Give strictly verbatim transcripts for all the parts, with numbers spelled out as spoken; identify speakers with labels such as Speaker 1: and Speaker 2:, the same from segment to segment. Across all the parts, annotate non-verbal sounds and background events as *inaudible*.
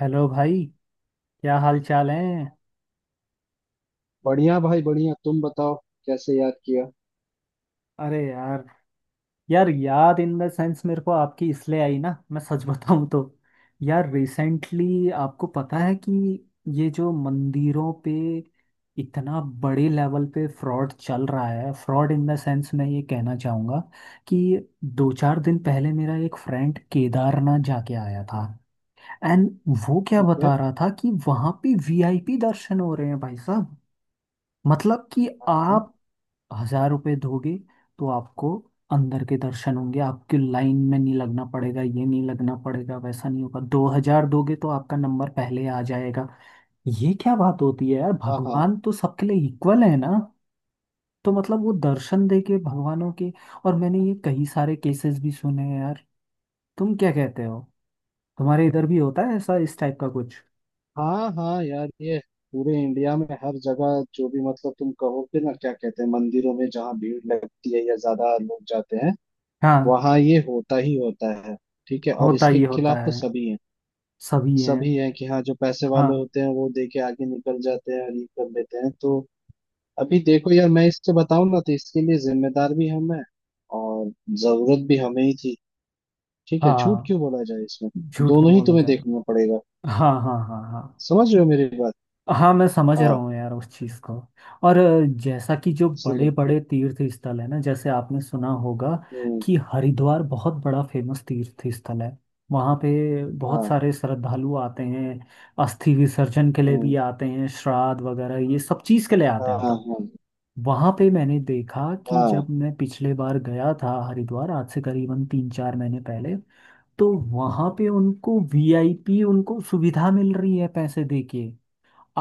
Speaker 1: Hello भाई। क्या हाल चाल है?
Speaker 2: बढ़िया भाई बढ़िया। तुम बताओ कैसे याद किया।
Speaker 1: अरे यार। यार, याद इन द सेंस मेरे को आपकी इसलिए आई ना, मैं सच बताऊं तो। यार रिसेंटली आपको पता है कि ये जो मंदिरों पे इतना बड़े लेवल पे फ्रॉड चल रहा है, फ्रॉड इन द सेंस मैं ये कहना चाहूँगा कि दो चार दिन पहले मेरा एक फ्रेंड केदारनाथ जाके आया था। एंड वो क्या
Speaker 2: ठीक है।
Speaker 1: बता रहा था कि वहाँ पे वीआईपी दर्शन हो रहे हैं भाई साहब। मतलब कि
Speaker 2: हाँ हाँ।
Speaker 1: आप हजार रुपये दोगे तो आपको अंदर के दर्शन होंगे, आपके लाइन में नहीं लगना पड़ेगा, ये नहीं लगना पड़ेगा, वैसा नहीं होगा। दो हजार दोगे तो आपका नंबर पहले आ जाएगा। ये क्या बात होती है यार?
Speaker 2: हाँ
Speaker 1: भगवान तो सबके लिए इक्वल है ना। तो मतलब वो दर्शन दे के भगवानों के। और मैंने ये कई सारे केसेस भी सुने हैं यार। तुम क्या कहते हो? तुम्हारे इधर भी होता है ऐसा, इस टाइप का कुछ?
Speaker 2: हाँ हाँ यार, ये पूरे इंडिया में हर जगह जो भी मतलब तुम कहोगे ना क्या कहते हैं, मंदिरों में जहाँ भीड़ लगती है या ज्यादा लोग जाते हैं
Speaker 1: हाँ।
Speaker 2: वहाँ ये होता ही होता है। ठीक है, और
Speaker 1: होता
Speaker 2: इसके
Speaker 1: ही होता
Speaker 2: खिलाफ तो
Speaker 1: है।
Speaker 2: सभी हैं।
Speaker 1: सभी हैं।
Speaker 2: सभी हैं कि हाँ जो पैसे
Speaker 1: हाँ
Speaker 2: वाले होते हैं वो दे के आगे निकल जाते हैं और ये कर लेते हैं, तो अभी देखो यार, मैं इससे बताऊं ना तो इसके लिए जिम्मेदार भी हम हैं और जरूरत भी हमें ही थी। ठीक है, झूठ
Speaker 1: हाँ।
Speaker 2: क्यों बोला जाए इसमें।
Speaker 1: झूठ नहीं
Speaker 2: दोनों ही
Speaker 1: बोला
Speaker 2: तुम्हें
Speaker 1: जाए।
Speaker 2: देखना पड़ेगा।
Speaker 1: हाँ हाँ हाँ हाँ।
Speaker 2: समझ रहे हो मेरी बात।
Speaker 1: हाँ मैं समझ रहा
Speaker 2: हाँ।
Speaker 1: हूँ यार उस चीज़ को। और अ, जैसा कि जो बड़े
Speaker 2: इसलिए।
Speaker 1: बड़े तीर्थ स्थल है ना, जैसे आपने सुना होगा
Speaker 2: हम्म।
Speaker 1: कि हरिद्वार बहुत बड़ा फेमस तीर्थ स्थल है। वहाँ पे बहुत
Speaker 2: हाँ।
Speaker 1: सारे श्रद्धालु आते हैं, अस्थि विसर्जन के लिए भी
Speaker 2: हम्म।
Speaker 1: आते हैं, श्राद्ध वगैरह ये सब चीज़ के लिए आते हैं
Speaker 2: हाँ हाँ
Speaker 1: मतलब।
Speaker 2: हाँ
Speaker 1: वहाँ पे मैंने देखा कि जब
Speaker 2: हाँ।
Speaker 1: मैं पिछले बार गया था हरिद्वार, आज से करीबन तीन चार महीने पहले, तो वहाँ पे उनको वीआईपी, उनको सुविधा मिल रही है पैसे देके।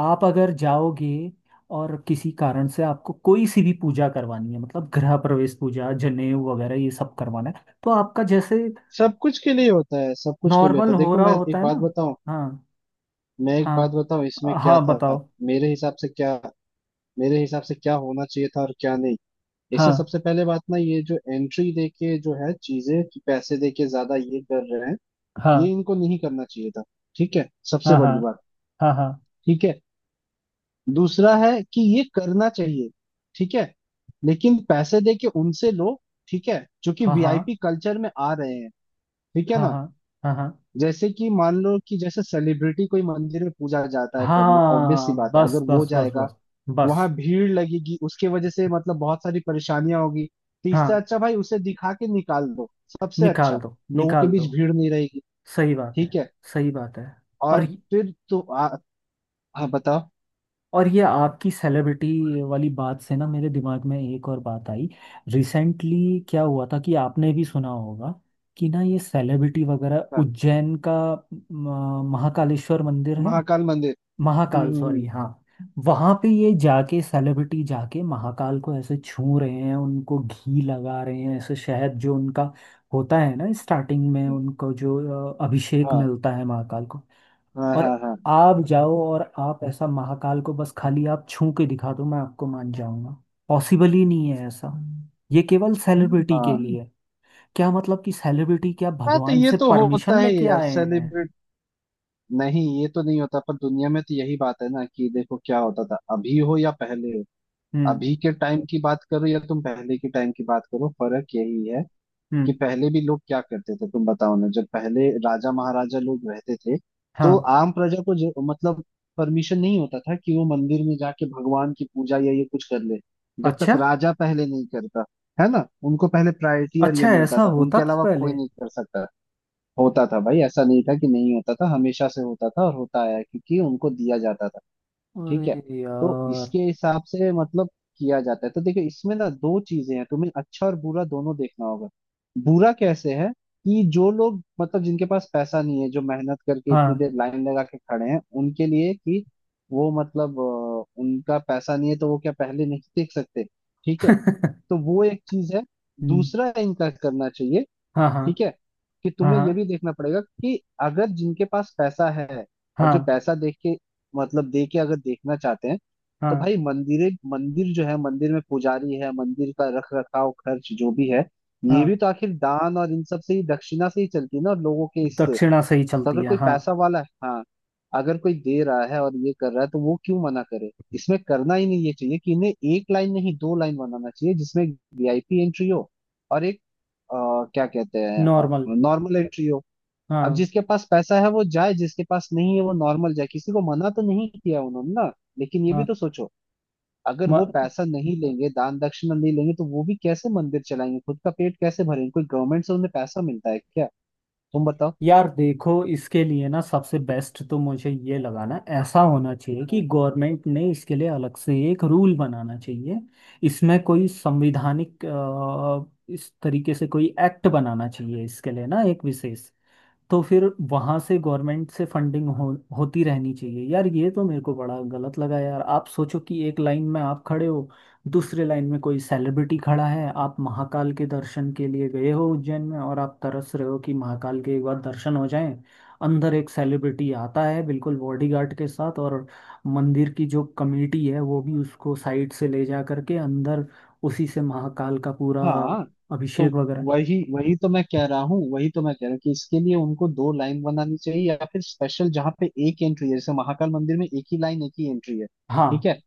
Speaker 1: आप अगर जाओगे और किसी कारण से आपको कोई सी भी पूजा करवानी है, मतलब गृह प्रवेश पूजा जनेऊ वगैरह ये सब करवाना है, तो आपका जैसे
Speaker 2: सब कुछ के लिए होता है, सब कुछ के लिए होता
Speaker 1: नॉर्मल
Speaker 2: है।
Speaker 1: हो
Speaker 2: देखो,
Speaker 1: रहा
Speaker 2: मैं
Speaker 1: होता
Speaker 2: एक
Speaker 1: है ना।
Speaker 2: बात बताऊं
Speaker 1: हाँ
Speaker 2: मैं एक
Speaker 1: हाँ।
Speaker 2: बात बताऊं इसमें क्या
Speaker 1: हाँ
Speaker 2: था।
Speaker 1: बताओ।
Speaker 2: मेरे हिसाब से क्या मेरे हिसाब से क्या होना चाहिए था और क्या नहीं।
Speaker 1: हाँ
Speaker 2: इससे सबसे पहले बात ना, ये जो एंट्री दे के जो है चीजें कि पैसे दे के ज्यादा ये कर रहे हैं, ये
Speaker 1: हाँ
Speaker 2: इनको नहीं करना चाहिए था। ठीक है, सबसे
Speaker 1: हाँ हाँ
Speaker 2: बड़ी बात।
Speaker 1: हाँ हाँ
Speaker 2: ठीक है, दूसरा है कि ये करना चाहिए। ठीक है, लेकिन पैसे दे के उनसे लो। ठीक है, जो कि
Speaker 1: हाँ हाँ
Speaker 2: वी आई पी कल्चर में आ रहे हैं। ठीक है
Speaker 1: हाँ
Speaker 2: ना।
Speaker 1: हाँ हाँ हाँ।
Speaker 2: जैसे कि मान लो कि जैसे सेलिब्रिटी कोई मंदिर में पूजा जाता है करने, ऑब्वियस सी
Speaker 1: हाँ
Speaker 2: बात है
Speaker 1: बस
Speaker 2: अगर वो
Speaker 1: बस बस बस।
Speaker 2: जाएगा वहां
Speaker 1: बस।
Speaker 2: भीड़ लगेगी उसके वजह से मतलब बहुत सारी परेशानियां होगी। तो इससे
Speaker 1: हाँ।
Speaker 2: अच्छा भाई उसे दिखा के निकाल दो, सबसे
Speaker 1: निकाल
Speaker 2: अच्छा,
Speaker 1: दो।
Speaker 2: लोगों के
Speaker 1: निकाल दो।
Speaker 2: बीच भीड़ नहीं रहेगी।
Speaker 1: सही बात है।
Speaker 2: ठीक है,
Speaker 1: सही बात है। और
Speaker 2: और फिर तो आ, हाँ बताओ।
Speaker 1: और ये आपकी सेलिब्रिटी वाली बात से ना मेरे दिमाग में एक और बात आई। रिसेंटली क्या हुआ था कि आपने भी सुना होगा कि ना ये सेलिब्रिटी वगैरह
Speaker 2: हाँ,
Speaker 1: उज्जैन का, म, महाकालेश्वर मंदिर है।
Speaker 2: महाकाल मंदिर।
Speaker 1: महाकाल,
Speaker 2: हम्म हम्म।
Speaker 1: सॉरी, हाँ। वहां पे ये जाके सेलिब्रिटी जाके महाकाल को ऐसे छू रहे हैं, उनको घी लगा रहे हैं, ऐसे शहद जो उनका होता है ना स्टार्टिंग में
Speaker 2: हम्म।
Speaker 1: उनको जो अ, अभिषेक
Speaker 2: हाँ
Speaker 1: मिलता है महाकाल को।
Speaker 2: हाँ
Speaker 1: और
Speaker 2: हाँ। हाँ
Speaker 1: आप जाओ और आप ऐसा महाकाल को बस खाली आप छू के दिखा दो, मैं आपको मान जाऊंगा। पॉसिबल ही नहीं है ऐसा। ये केवल सेलिब्रिटी के
Speaker 2: हाँ
Speaker 1: लिए है। क्या मतलब कि सेलिब्रिटी क्या
Speaker 2: हाँ, तो
Speaker 1: भगवान
Speaker 2: ये
Speaker 1: से
Speaker 2: तो होता
Speaker 1: परमिशन
Speaker 2: है
Speaker 1: लेके
Speaker 2: यार
Speaker 1: आए हैं?
Speaker 2: सेलिब्रेट। नहीं, ये तो नहीं होता पर दुनिया में तो यही बात है ना, कि देखो क्या होता था अभी हो या पहले हो।
Speaker 1: हम्म
Speaker 2: अभी के टाइम की बात करो या तुम पहले के टाइम की बात करो, फर्क यही है कि
Speaker 1: हम्म।
Speaker 2: पहले भी लोग क्या करते थे। तुम बताओ ना, जब पहले राजा महाराजा लोग रहते थे तो
Speaker 1: हाँ।
Speaker 2: आम प्रजा को ज- मतलब परमिशन नहीं होता था कि वो मंदिर में जाके भगवान की पूजा या ये कुछ कर ले जब तक
Speaker 1: अच्छा।
Speaker 2: राजा पहले नहीं करता। है ना, उनको पहले प्रायोरिटी और ये
Speaker 1: अच्छा,
Speaker 2: मिलता
Speaker 1: ऐसा
Speaker 2: था,
Speaker 1: होता
Speaker 2: उनके
Speaker 1: था
Speaker 2: अलावा कोई
Speaker 1: पहले?
Speaker 2: नहीं कर सकता। होता था भाई, ऐसा नहीं था कि नहीं होता था, हमेशा से होता था और होता आया है, क्योंकि उनको दिया जाता था। ठीक
Speaker 1: अरे
Speaker 2: है, तो
Speaker 1: यार।
Speaker 2: इसके हिसाब से मतलब किया जाता है, तो देखो इसमें ना दो चीजें हैं, तुम्हें अच्छा और बुरा दोनों देखना होगा। बुरा कैसे है कि जो लोग मतलब जिनके पास पैसा नहीं है, जो मेहनत करके इतनी
Speaker 1: हाँ।
Speaker 2: देर लाइन लगा के खड़े हैं उनके लिए कि वो मतलब अ, उनका पैसा नहीं है तो वो क्या पहले नहीं देख सकते। ठीक है, तो
Speaker 1: *laughs*
Speaker 2: वो एक चीज है।
Speaker 1: हम्म,
Speaker 2: दूसरा इनका करना चाहिए।
Speaker 1: हाँ हाँ
Speaker 2: ठीक है, कि तुम्हें
Speaker 1: हाँ
Speaker 2: ये भी देखना पड़ेगा कि अगर जिनके पास पैसा है और
Speaker 1: हाँ
Speaker 2: जो पैसा देख के मतलब दे के अगर देखना चाहते हैं
Speaker 1: हाँ
Speaker 2: तो
Speaker 1: हाँ
Speaker 2: भाई मंदिर मंदिर जो है, मंदिर में पुजारी है, मंदिर का रख रखाव खर्च जो भी है ये भी
Speaker 1: हाँ।
Speaker 2: तो आखिर दान और इन सब से ही, दक्षिणा से ही चलती है ना, और लोगों के इससे।
Speaker 1: दक्षिणा से ही
Speaker 2: तो
Speaker 1: चलती
Speaker 2: अगर
Speaker 1: है,
Speaker 2: कोई
Speaker 1: हाँ।
Speaker 2: पैसा वाला है, हाँ, अगर कोई दे रहा है और ये कर रहा है तो वो क्यों मना करे इसमें। करना ही नहीं ये चाहिए कि इन्हें एक लाइन नहीं दो लाइन बनाना चाहिए, जिसमें वी आई पी एंट्री हो और एक आ, क्या कहते हैं,
Speaker 1: नॉर्मल।
Speaker 2: नॉर्मल एंट्री हो। अब
Speaker 1: हाँ
Speaker 2: जिसके पास पैसा है वो जाए, जिसके पास नहीं है वो नॉर्मल जाए, किसी को मना तो नहीं किया उन्होंने ना। लेकिन ये भी
Speaker 1: हाँ।
Speaker 2: तो सोचो, अगर वो
Speaker 1: म-
Speaker 2: पैसा नहीं लेंगे दान दक्षिणा नहीं लेंगे तो वो भी कैसे मंदिर चलाएंगे, खुद का पेट कैसे भरेंगे, कोई गवर्नमेंट से उन्हें पैसा मिलता है क्या। तुम बताओ।
Speaker 1: यार देखो इसके लिए ना सबसे बेस्ट तो मुझे ये लगा ना, ऐसा होना चाहिए कि गवर्नमेंट ने इसके लिए अलग से एक रूल बनाना चाहिए। इसमें कोई संवैधानिक अ, इस तरीके से कोई एक्ट बनाना चाहिए इसके लिए ना, एक विशेष। तो फिर वहां से गवर्नमेंट से फंडिंग हो, होती रहनी चाहिए यार। ये तो मेरे को बड़ा गलत लगा यार। आप सोचो कि एक लाइन में आप खड़े हो, दूसरे लाइन में कोई सेलिब्रिटी खड़ा है, आप महाकाल के दर्शन के लिए गए हो उज्जैन में और आप तरस रहे हो कि महाकाल के एक बार दर्शन हो जाएं। अंदर एक सेलिब्रिटी आता है बिल्कुल बॉडीगार्ड के साथ और मंदिर की जो कमेटी है वो भी उसको साइड से ले जा करके अंदर, उसी से महाकाल का पूरा
Speaker 2: हाँ, तो
Speaker 1: अभिषेक वगैरह।
Speaker 2: वही वही तो मैं कह रहा हूँ, वही तो मैं कह रहा हूँ कि इसके लिए उनको दो लाइन बनानी चाहिए या फिर स्पेशल, जहाँ पे एक एंट्री है जैसे महाकाल मंदिर में एक ही लाइन एक ही एंट्री है।
Speaker 1: हाँ
Speaker 2: ठीक है,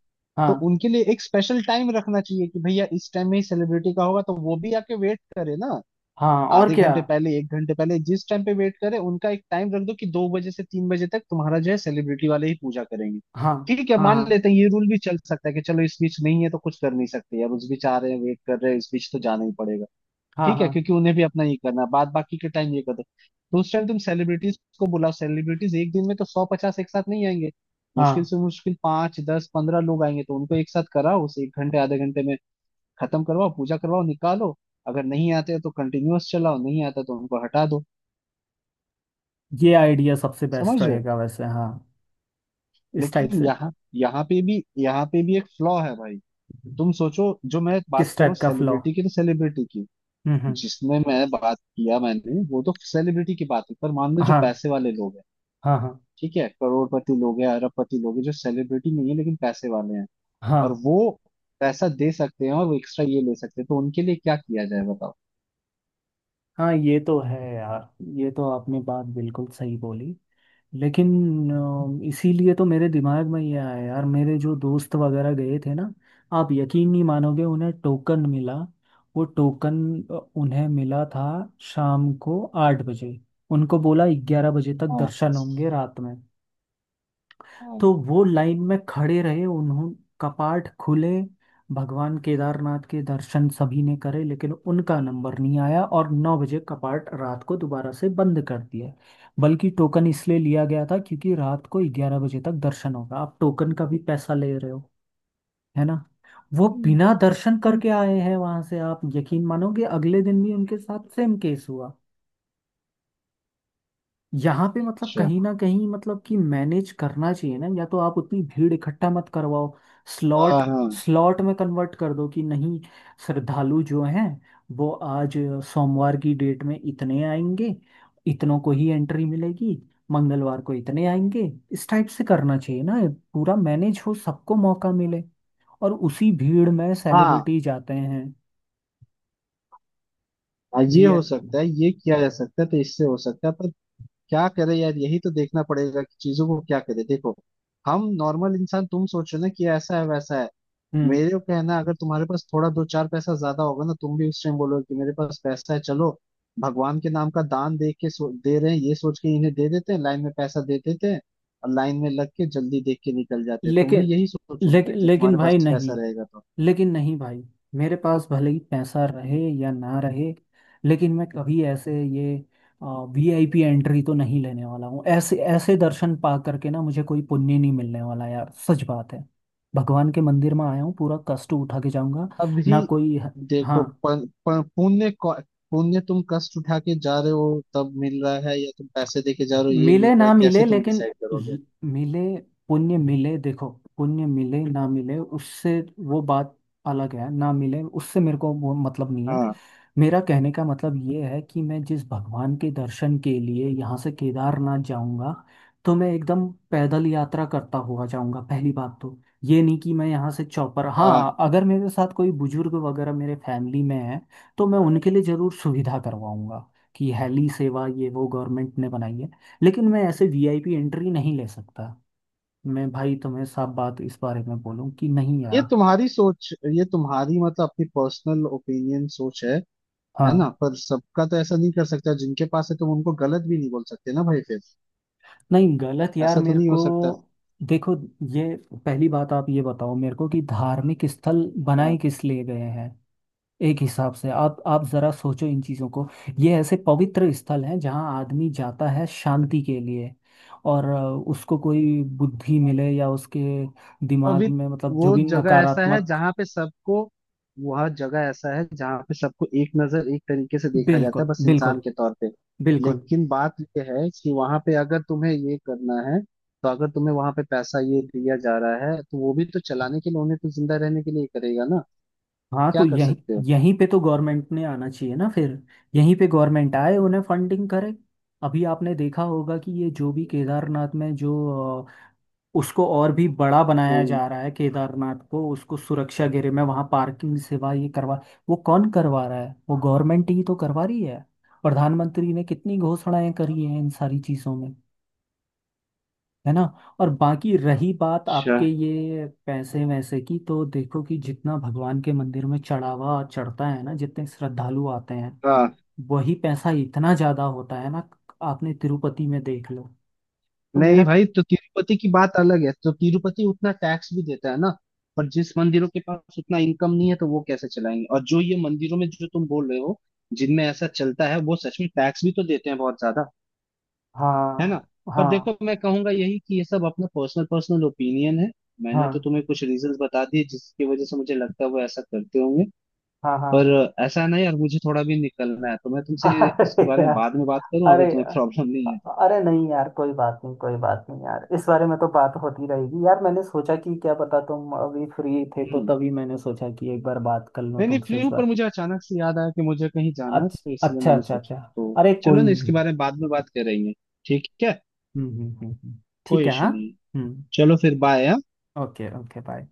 Speaker 2: तो
Speaker 1: हाँ
Speaker 2: उनके लिए एक स्पेशल टाइम रखना चाहिए कि भैया इस टाइम में ही सेलिब्रिटी का होगा, तो वो भी आके वेट करे ना।
Speaker 1: हाँ, और
Speaker 2: आधे
Speaker 1: क्या।
Speaker 2: घंटे पहले, एक घंटे पहले, जिस टाइम पे वेट करे, उनका एक टाइम रख दो कि दो बजे से तीन बजे तक तुम्हारा जो है सेलिब्रिटी वाले ही पूजा करेंगे।
Speaker 1: हाँ
Speaker 2: ठीक है, मान
Speaker 1: हाँ
Speaker 2: लेते हैं ये रूल भी चल सकता है, कि चलो इस बीच नहीं है तो कुछ कर नहीं सकते यार, उस बीच आ रहे हैं वेट कर रहे हैं, इस बीच तो जाना ही पड़ेगा।
Speaker 1: हाँ हाँ।
Speaker 2: ठीक है,
Speaker 1: हाँ
Speaker 2: क्योंकि उन्हें भी अपना ये करना है, बाद बाकी के टाइम ये करते तो उस टाइम तुम सेलिब्रिटीज को बुलाओ। सेलिब्रिटीज एक दिन में तो सौ पचास एक साथ नहीं आएंगे। मुश्किल
Speaker 1: हाँ।
Speaker 2: से मुश्किल पांच दस पंद्रह लोग आएंगे तो उनको एक साथ कराओ उसे एक घंटे आधे घंटे में खत्म करवाओ, पूजा करवाओ, निकालो। अगर नहीं आते हैं तो कंटिन्यूअस चलाओ, नहीं आता तो उनको हटा दो।
Speaker 1: ये आइडिया सबसे
Speaker 2: समझ
Speaker 1: बेस्ट
Speaker 2: रहे हो।
Speaker 1: रहेगा वैसे, हाँ। इस टाइप
Speaker 2: लेकिन
Speaker 1: से।
Speaker 2: यहाँ यहाँ पे भी यहाँ पे भी एक फ्लॉ है भाई। तुम सोचो, जो मैं बात
Speaker 1: किस
Speaker 2: कर रहा हूँ
Speaker 1: टाइप का फ्लो?
Speaker 2: सेलिब्रिटी की तो सेलिब्रिटी की,
Speaker 1: हम्म हम्म।
Speaker 2: जिसने मैं बात किया, मैंने वो तो सेलिब्रिटी की बात है, पर मान लो जो
Speaker 1: हाँ
Speaker 2: पैसे वाले लोग हैं।
Speaker 1: हाँ हाँ
Speaker 2: ठीक है, करोड़पति लोग हैं, अरबपति लोग हैं जो सेलिब्रिटी नहीं है लेकिन पैसे वाले हैं।
Speaker 1: हाँ
Speaker 2: और वो पैसा दे सकते हैं और वो एक्स्ट्रा ये ले सकते हैं, तो उनके लिए क्या किया जाए बताओ।
Speaker 1: हाँ। ये तो है यार, ये तो आपने बात बिल्कुल सही बोली। लेकिन अ, इसीलिए तो मेरे दिमाग में ये आया यार, मेरे जो दोस्त वगैरह गए थे ना, आप यकीन नहीं मानोगे उन्हें टोकन मिला। वो टोकन उन्हें मिला था शाम को आठ बजे। उनको बोला ग्यारह बजे तक
Speaker 2: हाँ
Speaker 1: दर्शन होंगे रात में।
Speaker 2: हाँ।
Speaker 1: तो वो लाइन में खड़े रहे, उन्हों कपाट खुले, भगवान केदारनाथ के दर्शन सभी ने करे, लेकिन उनका नंबर नहीं आया और नौ बजे कपाट रात को दोबारा से बंद कर दिया। बल्कि टोकन इसलिए लिया गया था क्योंकि रात को ग्यारह बजे तक दर्शन होगा, आप टोकन का भी पैसा ले रहे हो, है ना। वो
Speaker 2: हम्म।
Speaker 1: बिना दर्शन
Speaker 2: हम्म।
Speaker 1: करके आए हैं वहां से। आप यकीन मानोगे अगले दिन भी उनके साथ सेम केस हुआ। यहाँ पे मतलब
Speaker 2: अच्छा।
Speaker 1: कहीं ना कहीं मतलब कि मैनेज करना चाहिए ना, या तो आप उतनी भीड़ इकट्ठा मत करवाओ, स्लॉट,
Speaker 2: हाँ हाँ
Speaker 1: स्लॉट में कन्वर्ट कर दो कि नहीं। श्रद्धालु जो हैं वो आज सोमवार की डेट में इतने आएंगे, इतनों को ही एंट्री मिलेगी, मंगलवार को इतने आएंगे, इस टाइप से करना चाहिए ना। पूरा मैनेज हो, सबको मौका मिले। और उसी भीड़ में
Speaker 2: हाँ।
Speaker 1: सेलिब्रिटी जाते हैं।
Speaker 2: हाँ,
Speaker 1: वी
Speaker 2: ये हो सकता है, ये किया जा सकता है तो इससे हो सकता है पर क्या करे यार, यही तो देखना पड़ेगा कि चीजों को क्या करे। देखो, हम नॉर्मल इंसान, तुम सोचो ना कि ऐसा है वैसा है।
Speaker 1: हम्म।
Speaker 2: मेरे को कहना है, अगर तुम्हारे पास थोड़ा दो चार पैसा ज्यादा होगा ना, तुम भी उस टाइम बोलोगे कि मेरे पास पैसा है, चलो भगवान के नाम का दान दे के, सो दे रहे हैं ये सोच के इन्हें दे देते हैं, लाइन में पैसा दे देते हैं और लाइन में लग के जल्दी देख के निकल जाते हैं। तुम भी
Speaker 1: लेकिन
Speaker 2: यही सोचोगे
Speaker 1: लेकिन
Speaker 2: भाई जब
Speaker 1: लेकिन
Speaker 2: तुम्हारे
Speaker 1: भाई
Speaker 2: पास पैसा
Speaker 1: नहीं।
Speaker 2: रहेगा तो।
Speaker 1: लेकिन नहीं भाई। मेरे पास भले ही पैसा रहे या ना रहे, लेकिन मैं कभी ऐसे ये वीआईपी एंट्री तो नहीं लेने वाला हूँ। ऐसे ऐसे दर्शन पा करके ना मुझे कोई पुण्य नहीं मिलने वाला यार, सच बात है। भगवान के मंदिर में आया हूँ पूरा कष्ट उठा के जाऊंगा।
Speaker 2: अभी
Speaker 1: ना कोई।
Speaker 2: देखो,
Speaker 1: हाँ।
Speaker 2: प- प- पुण्य कौ- पुण्य तुम कष्ट उठा के जा रहे हो तब मिल रहा है या तुम पैसे दे के जा रहे हो ये
Speaker 1: मिले
Speaker 2: मिल रहा
Speaker 1: ना
Speaker 2: है,
Speaker 1: मिले
Speaker 2: कैसे तुम
Speaker 1: लेकिन
Speaker 2: डिसाइड करोगे।
Speaker 1: ल- मिले, पुण्य मिले, देखो, पुण्य मिले ना मिले उससे, वो बात अलग है। ना मिले उससे मेरे को वो मतलब नहीं है।
Speaker 2: हाँ
Speaker 1: मेरा कहने का मतलब ये है कि मैं जिस भगवान के दर्शन के लिए यहाँ से केदारनाथ जाऊँगा तो मैं एकदम पैदल यात्रा करता हुआ जाऊँगा, पहली बात तो। ये नहीं कि मैं यहाँ से चौपर।
Speaker 2: हाँ,
Speaker 1: हाँ, अगर मेरे साथ कोई बुजुर्ग वगैरह मेरे फैमिली में है तो मैं उनके लिए ज़रूर सुविधा करवाऊँगा कि हेली सेवा ये वो गवर्नमेंट ने बनाई है। लेकिन मैं ऐसे वीआईपी एंट्री नहीं ले सकता। मैं भाई तुम्हें साफ बात इस बारे में बोलूँ कि नहीं
Speaker 2: ये
Speaker 1: यार।
Speaker 2: तुम्हारी सोच, ये तुम्हारी मतलब अपनी पर्सनल ओपिनियन सोच है है ना।
Speaker 1: हाँ।
Speaker 2: पर सबका तो ऐसा नहीं कर सकता, जिनके पास है तुम उनको गलत भी नहीं बोल सकते ना भाई फिर।
Speaker 1: नहीं गलत यार
Speaker 2: ऐसा तो
Speaker 1: मेरे
Speaker 2: नहीं हो
Speaker 1: को।
Speaker 2: सकता।
Speaker 1: देखो, ये पहली बात आप ये बताओ मेरे को कि धार्मिक स्थल बनाए
Speaker 2: हाँ।
Speaker 1: किस लिए गए हैं। एक हिसाब से आप आप जरा सोचो इन चीजों को। ये ऐसे पवित्र स्थल हैं जहाँ आदमी जाता है शांति के लिए। और अ, उसको कोई बुद्धि मिले, या उसके
Speaker 2: तो
Speaker 1: दिमाग
Speaker 2: अभी
Speaker 1: में मतलब जो
Speaker 2: वो
Speaker 1: भी
Speaker 2: जगह ऐसा है
Speaker 1: नकारात्मक।
Speaker 2: जहाँ पे सबको वह जगह ऐसा है जहाँ पे सबको एक नजर एक तरीके से देखा जाता
Speaker 1: बिल्कुल
Speaker 2: है, बस
Speaker 1: बिल्कुल।
Speaker 2: इंसान के तौर पे।
Speaker 1: बिल्कुल।
Speaker 2: लेकिन बात ये है कि वहां पे अगर तुम्हें ये करना है, तो अगर तुम्हें वहां पे पैसा ये दिया जा रहा है तो वो भी तो चलाने के लिए, उन्हें तो जिंदा रहने के लिए ही करेगा ना।
Speaker 1: हाँ तो
Speaker 2: क्या कर
Speaker 1: यहीं,
Speaker 2: सकते हो।
Speaker 1: यहीं पे तो गवर्नमेंट ने आना चाहिए ना फिर। यहीं पे गवर्नमेंट आए, उन्हें फंडिंग करे। अभी आपने देखा होगा कि ये जो भी केदारनाथ में जो अ, उसको और भी बड़ा
Speaker 2: अच्छा।
Speaker 1: बनाया जा रहा है, केदारनाथ को उसको सुरक्षा घेरे में, वहाँ पार्किंग सेवा ये करवा, वो कौन करवा रहा है? वो गवर्नमेंट ही तो करवा रही है। प्रधानमंत्री ने कितनी घोषणाएं करी हैं इन सारी चीज़ों में, है ना। और बाकी रही बात आपके ये पैसे वैसे की, तो देखो कि जितना भगवान के मंदिर में चढ़ावा चढ़ता है ना, जितने श्रद्धालु आते हैं,
Speaker 2: हाँ।
Speaker 1: वही पैसा इतना ज्यादा होता है ना। आपने तिरुपति में देख लो। तो मेरा,
Speaker 2: नहीं भाई, तो तिरुपति की बात अलग है, तो तिरुपति उतना टैक्स भी देता है ना। पर जिस मंदिरों के पास उतना इनकम नहीं है तो वो कैसे चलाएंगे, और जो ये मंदिरों में जो तुम बोल रहे हो जिनमें ऐसा चलता है वो सच में टैक्स भी तो देते हैं बहुत ज्यादा। है ना।
Speaker 1: हाँ
Speaker 2: पर
Speaker 1: हाँ
Speaker 2: देखो, मैं कहूंगा यही कि ये सब अपना पर्सनल पर्सनल ओपिनियन है। मैंने तो
Speaker 1: हाँ
Speaker 2: तुम्हें कुछ रीजंस बता दिए जिसकी वजह से मुझे लगता है वो ऐसा करते होंगे।
Speaker 1: हाँ हाँ।
Speaker 2: पर ऐसा नहीं यार, मुझे थोड़ा भी निकलना है तो मैं
Speaker 1: *laughs*
Speaker 2: तुमसे
Speaker 1: अरे
Speaker 2: इसके बारे में
Speaker 1: यार।
Speaker 2: बाद में बात करूं,
Speaker 1: अरे।
Speaker 2: अगर तुम्हें *laughs* प्रॉब्लम नहीं है तो।
Speaker 1: अरे नहीं यार, कोई बात नहीं, कोई बात नहीं यार, इस बारे में तो बात होती रहेगी यार। मैंने सोचा कि क्या पता तुम अभी फ्री थे, तो
Speaker 2: हम्म।
Speaker 1: तभी मैंने सोचा कि एक बार बात कर लूं
Speaker 2: नहीं नहीं,
Speaker 1: तुमसे
Speaker 2: फ्री
Speaker 1: इस
Speaker 2: हूँ पर
Speaker 1: बारे।
Speaker 2: मुझे अचानक से याद आया कि मुझे कहीं जाना है,
Speaker 1: अच्छ-
Speaker 2: तो इसलिए
Speaker 1: अच्छा
Speaker 2: मैंने
Speaker 1: अच्छा
Speaker 2: सोचा
Speaker 1: अच्छा।
Speaker 2: तो
Speaker 1: अरे
Speaker 2: चलो
Speaker 1: कोई
Speaker 2: ना इसके
Speaker 1: नहीं।
Speaker 2: बारे में बाद में बात कर रही है। ठीक है,
Speaker 1: हम्म हम्म हम्म हम्म। ठीक
Speaker 2: कोई
Speaker 1: है,
Speaker 2: इशू
Speaker 1: हाँ।
Speaker 2: नहीं है।
Speaker 1: हम्म।
Speaker 2: चलो फिर बाय।
Speaker 1: Okay okay bye.